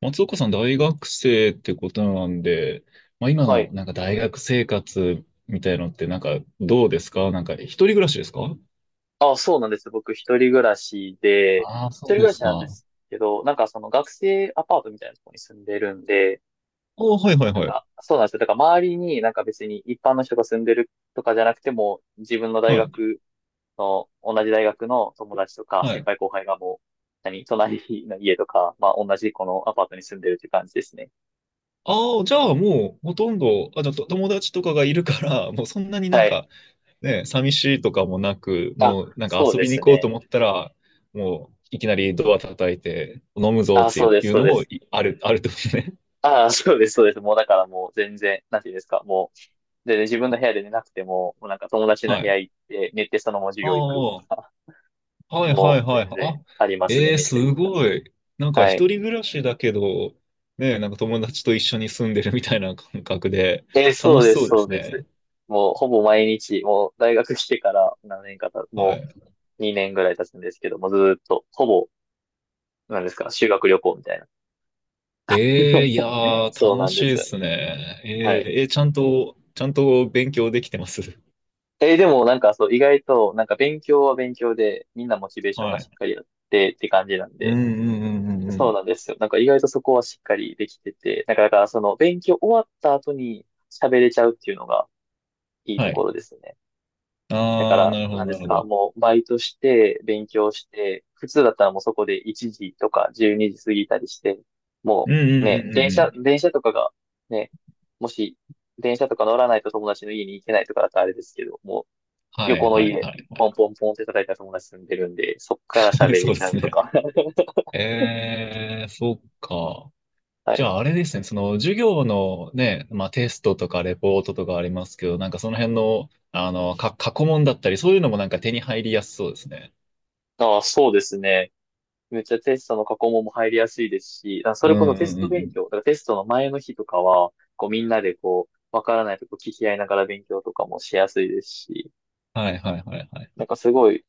松岡さん、大学生ってことなんで、まあ、今はのい。なんか大学生活みたいのってなんかどうですか？なんか一人暮らしですか？あ、そうなんです。僕、一人暮らしで、ああー、一そ人う暮でらすしか。なんであすけど、なんかその学生アパートみたいなところに住んでるんで、あ、はいはいなんはい。か、そうなんですよ。だから周りになんか別に一般の人が住んでるとかじゃなくても、自分の大はい。学の、同じ大学の友達とか、は先い。輩後輩がもう、何、隣の家とか、まあ同じこのアパートに住んでるっていう感じですね。ああ、じゃあもうほとんど、あ、じゃあと友達とかがいるから、もうそんなになんはい。かね、寂しいとかもなく、あ、もうなんかそう遊でびにす行こうとね。思ったら、もういきなりドア叩いて飲むぞあ、っそてうでいす、うそうのでもす。いあるってことね。あ、そうです、そうです。もうだからもう全然、なんていうんですか、もう、でね、自分の部屋で寝なくても、もうなんか友達のは部い。屋行って、寝てそのまま授あ業行くとあ、か、はいはもいうはい。全然あ、ありますね、めすちゃくちごい。なんゃ。かは一い。人暮らしだけど、ね、なんか友達と一緒に住んでるみたいな感覚で、楽そうしです、そうでそうすです。ね。もうほぼ毎日、もう大学来てから何年かた、はもい。う2年ぐらい経つんですけども、ずーっと、ほぼ、なんですか、修学旅行みたいな。えー、いや ー、そう楽なんしでいですよね。すね。えはい。ー、ちゃんと勉強できてます？でもなんかそう、意外と、なんか勉強は勉強で、みんなモチベー ションがはしっい。かりあってって感じなんうんで、うんうんうんうそうん。なんですよ。なんか意外とそこはしっかりできてて、なんかだからその勉強終わった後に喋れちゃうっていうのがいいはとこい。ろですね。だかあー、ら、なるなほどんでなするほか、ど。もうバイトして、勉強して、普通だったらもうそこで1時とか12時過ぎたりして、うもんううんうね、んうんうん。電車とかがね、もし電車とか乗らないと友達の家に行けないとかだったらあれですけど、もうは横いのはい家、はいポはンポンポンって叩いたら友達住んでるんで、そっい。から喋 れそうでちゃすうとね。か。えー、そっか。はじい。ゃああれですね、その授業のね、まあテストとかレポートとかありますけど、なんかその辺の、あの、過去問だったり、そういうのもなんか手に入りやすそうですね。ああ、そうですね。めっちゃテストの過去問も入りやすいですし、だからそうれこそんテうスんうんうト勉ん。強、だからテストの前の日とかは、こうみんなでこう、わからないとこ聞き合いながら勉強とかもしやすいですし、はいはいはいはなんい。かすごい、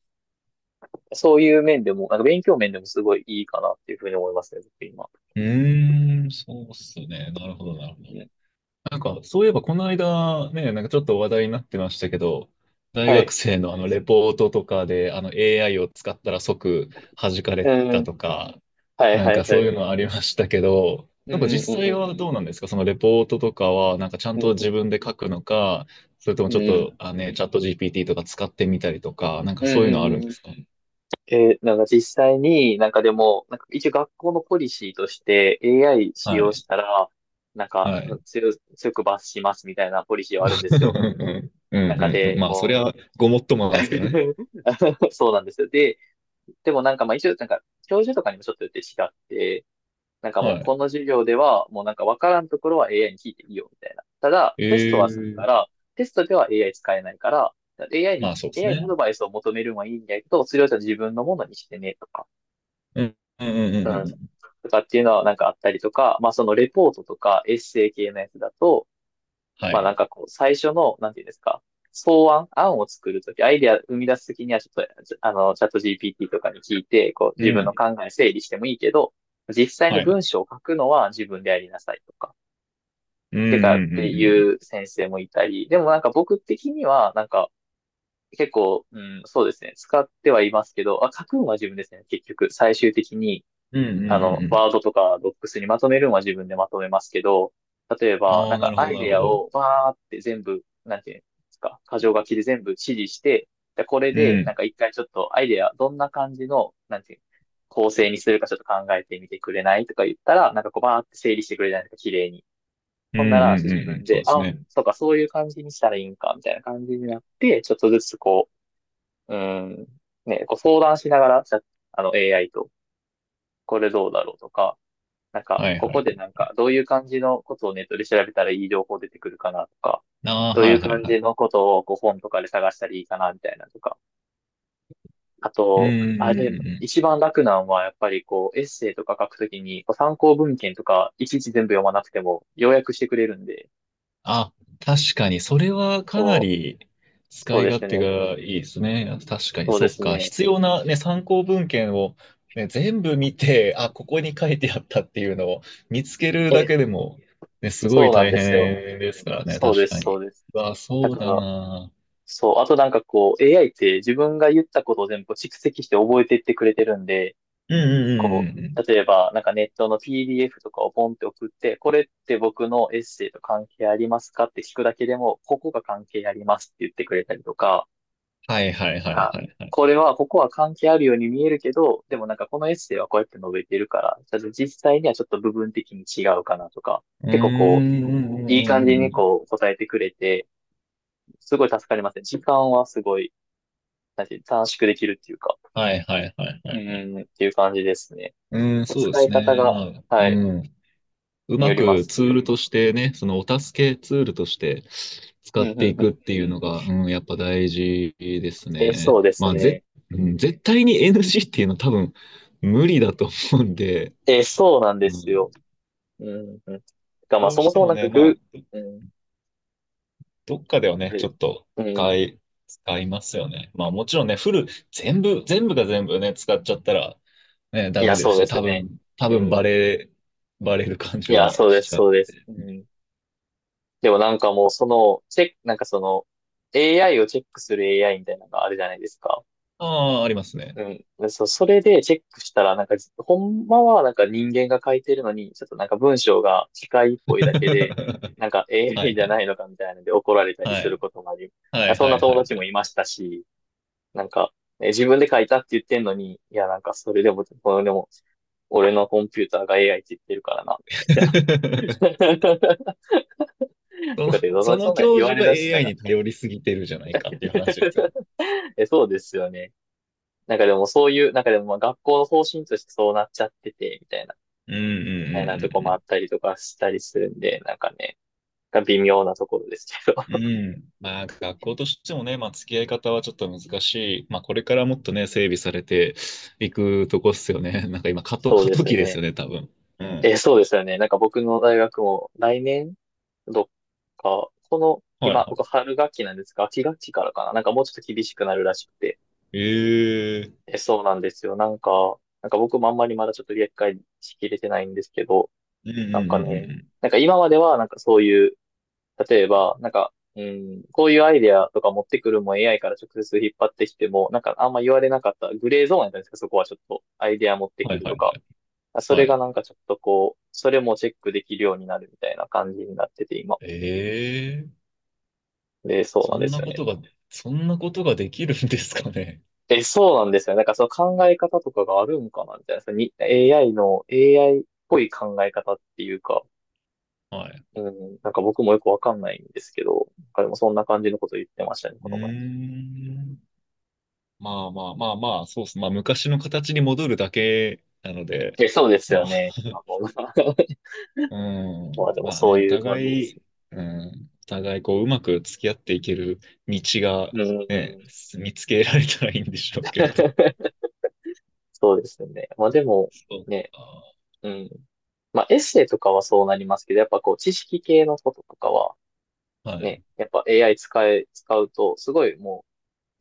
そういう面でも、なんか勉強面でもすごいいいかなっていうふうに思いますね、僕今。うーん、そうっすね。なるほどなるほうど。ん。なんかそういえばこの間ね、なんかちょっと話題になってましたけど、大は学い。生のあのレポートとかであの AI を使ったら即弾かれうたん。とか、はいなんはいかはそうい。いうのはありましたけど、うなんんかう実んう際はんどうなんですか？そのレポートとかは、なんかちゃんうん。うとんう自ん。分で書くのか、それともうんちょっうと、ん。あ、ね、チャット GPT とか使ってみたりとか、なんかうそうんいううのあるんんうでんすか？なんか実際になんかでも、なんか一応学校のポリシーとして AI 使は用い。したら、なんかはい。強く罰しますみたいなポリシーはあるんですよ。うん中うんうん。でまあ、そりもゃ、ごもっともう なんですけどね。そうなんですよ。で、でもなんかまあ一応なんか教授とかにもちょっとよって違って、なんかはもうい。この授業ではもうなんかわからんところは AI に聞いていいよみたいな。ただテストはするかええ、ら、テストでは AI 使えないから、AI まに、あ、そうです AI にアね。ドバイスを求めるのはいいんだけど、それをじゃあ自分のものにしてねとか。うん。うんうんうんううんうん。ん。とかっていうのはなんかあったりとか、まあそのレポートとかエッセイ系のやつだと、はまあい。なんかこう最初の、なんていうんですか、案を作るとき、アイデア生み出すときにはちょっと、じあの、チャット GPT とかに聞いて、こうう自分のん。考え整理してもいいけど、実際にはい。文章を書くのは自分でやりなさいとか、うんうてかっんうてんうん。いう先生もいたり、でもなんか僕的にはなんか結構、うん、そうですね、使ってはいますけど、あ、書くのは自分ですね、結局、最終的に。うんうんあうんの、うん。ワードとかドックスにまとめるのは自分でまとめますけど、例えば、あなんあ、なかるほアど、イなるデほアど。をわーって全部、なんていうんですか、箇条書きで全部指示して、で、これうで、なんん。か一回ちょっとアイデア、どんな感じの、なんていう、構成にするかちょっと考えてみてくれないとか言ったら、なんかこうバーって整理してくれないとか、綺麗に。うんほんなうら、そんうう自んうん。分そうで、ですあ、ね。そうか、そういう感じにしたらいいんか、みたいな感じになって、ちょっとずつこう、うーん、ね、こう相談しながら、じゃあの AI と、これどうだろうとか、なんか、はいこはこい、でなんか、どういう感じのことをネットで調べたらいい情報出てくるかなとか、ああ、どうはいいうはい感はい。じのことをこう本とかで探したらいいかなみたいなとか。あうと、あれ、ーん。一番楽なんはやっぱりこう、エッセイとか書くときに、こう参考文献とか、いちいち全部読まなくても、要約してくれるんで、あ、確かに、それはかなそう、り使そういで勝す手ね。がいいですね。確かに、そうでそっすか。ね。必要な、ね、参考文献を、ね、全部見て、あ、ここに書いてあったっていうのを見つけるだえ、けでも、ね、すごそいうなん大で変すよ。ですからね、そうで確かす、そに。うです。うわ、だそうかだら、な。そう、あとなんかこう、AI って自分が言ったことを全部蓄積して覚えていってくれてるんで、うんこうんうんうんうん。う、例えば、なんかネットの PDF とかをポンって送って、これって僕のエッセイと関係ありますかって聞くだけでも、ここが関係ありますって言ってくれたりとか、はいはいなんはいか、はいはい。ここは関係あるように見えるけど、でもなんかこのエッセイはこうやって述べてるから、ただ実際にはちょっと部分的に違うかなとか、うー結構こん。うんうう、いいん感うじんうんうにん、こう答えてくれて、すごい助かりますね。時間はすごい、なんていう短縮できるっていうか、はいはいはいはうい。ん、っていう感じですね。うーん、そうで使いす方ね。が、まあ、はうい、ん。うによまりまくすツけーど。ルとしてね、そのお助けツールとして使うっん、うん、ていうくっん。ていうのが、うん、やっぱ大事ですえ、ね。そうですね。うん、絶対に NG っていうのは多分無理だと思うんで、え、そうなんでうすよ。ん、うん、うん。が、まあ、どうそしもてそももなんかね、まあ、ぐ、うん、どっかではあね、ちれょっとうん。使い、使いますよね。まあもちろんね、全部が全部ね、使っちゃったら、ね、いダや、メでそすうでし、すね。多う分バん。レ、バレる感いじや、はそうでしす、ちゃう。そうです。うん。でもなんかもう、その、チェック、なんかその、AI をチェックする AI みたいなのがあるじゃないですか。ああ、ありますね。うん。でそう、それでチェックしたら、なんか、ほんまはなんか人間が書いてるのに、ちょっとなんか文章が機械っぽいだけで、なんか はい AI じはゃないい。のかみたいなので怒られたりはするい。こともあり、はいそんはないは友い達はもい。いましたし、なんか、え自分で書いたって言ってんのに、いや、なんかそれでも、これでも、俺のコンピューターが AI って言ってるからな、みたいな。そとの、かって、そそそのんなん教言わ授れが だした AI ら に頼りすぎてるじゃないかっていう話ですよね。え、そうですよね。なんかでもそういう、なんかでもまあ学校の方針としてそうなっちゃってて、みたいな。うんうたいなとこもあっんたりとかしたりするんで、なんかね、微妙なところですけど。うんうん うん。うん。まあ学校としてもね、まあ付き合い方はちょっと難しい。まあこれからもっとね、整備されていくとこっすよね。なんか今そう過で渡す期ですね。よね、多分。うん。え、そうですよね。なんか僕の大学も来年どっか、この、はい今、は僕春学期なんですが、秋学期からかな。なんかもうちょっと厳しくなるらしくて。い。ええ、え、そうなんですよ。なんか、僕もあんまりまだちょっと理解しきれてないんですけど、うんうんなんうんかうね、んうん。なんか今まではなんかそういう例えば、なんか、うん、こういうアイデアとか持ってくるも AI から直接引っ張ってきても、なんかあんま言われなかったグレーゾーンやったんですか、そこはちょっとアイデア持ってはくいるはといはか。い。あそれはがい。なんかちょっとこう、それもチェックできるようになるみたいな感じになってて今。ええ、で、そうなそんでんすなよこね。とが、そんなことができるんですかね。え、そうなんですよね。なんかその考え方とかがあるんかなみたいな。そのに AI の AI っぽい考え方っていうか、はい。うん、なんか僕もよくわかんないんですけど、彼もそんな感じのこと言ってましたね、うこーの前。ん。まあまあまあまあ、そうっす。まあ昔の形に戻るだけなので、え、そうですまよあ、ね。まあ、もう うまあん、でもまあね、そうおいう互感じですい、うん、お互いこう、うまく付き合っていける道がね。うね、ん。見つけられたらいいんでしょうけど。そうですね。まあでも、そうね、か。うん。まあエッセイとかはそうなりますけど、やっぱこう知識系のこととかは、はね、い。やっぱ AI 使え、使うと、すごいも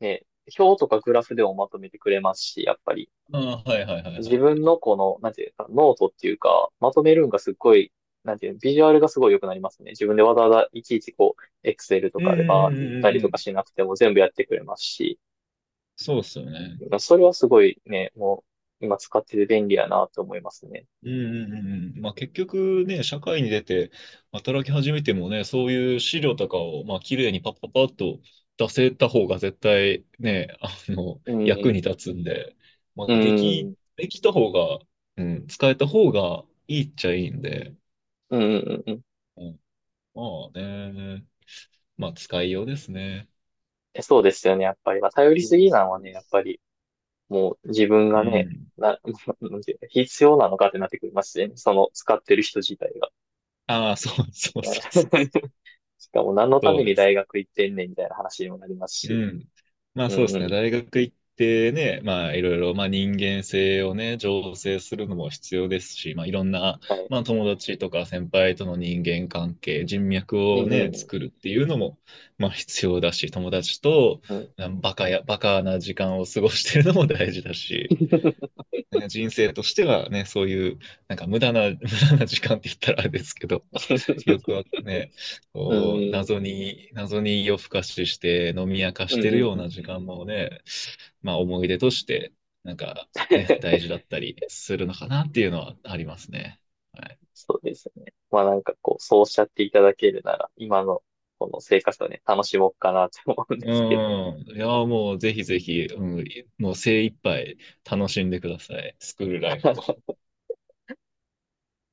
う、ね、表とかグラフでもまとめてくれますし、やっぱりああ、はいはいはいは自分い。のこの、なんていうか、ノートっていうか、まとめるんがすっごい、なんていうの、ビジュアルがすごい良くなりますね。自分でわざわざいちいちこう、Excel とうんうかでバーって打ったんうんうりんうとかん。しなくても全部やってくれますし、そうっすよね。だからそれはすごいね、もう今使ってて便利やなと思いますね。うんうんうんうん。まあ結局ね、社会に出て働き始めてもね、そういう資料とかを、まあ綺麗にパッパッパッと出せた方が絶対ね、あの、う役ん、に立つんで、うん、できた方が、うん、使えた方がいいっちゃいいんで、うん、うんうん。うん、まあね、まあ使いようですね。えそうですよね、やっぱり。まあ、頼りそうすでぎなす、のそはうね、でやっす。ぱり、もう自分うがね、ん。な、なんていうの必要なのかってなってくりますしね。その使ってる人自体が。ああ、そうね そうそうそう。しかも何のたそめうにです。大学行ってんねんみたいな話にもなりますうし。ん。まあうんうそうですね。ん。大学行ってね、まあいろいろ、まあ人間性をね、醸成するのも必要ですし、まあいろんな、はい。まあ友達とか先輩との人間関係、人脈うをね、ん作るっていうのも、まあ必要だし、友達と、うん。うん。バカな時間を過ごしてるのも大事だし、ね、人生としてはね、そういう、なんか無駄な時間って言ったらあれですけど、欲はね、うんこう、うん。謎に夜更かしして飲み明かうしんてるよううん。な時間もね、まあ思い出として、なんかね、大事だったりするのかなっていうのはありますね。はい。そうですね。まあなんかこう、そうおっしゃっていただけるなら、今のこの生活をね、楽しもうかなと思うんでうすけど。ん。いや、もうぜひぜひ、うん、もう精一杯楽しんでください。スクールライフ。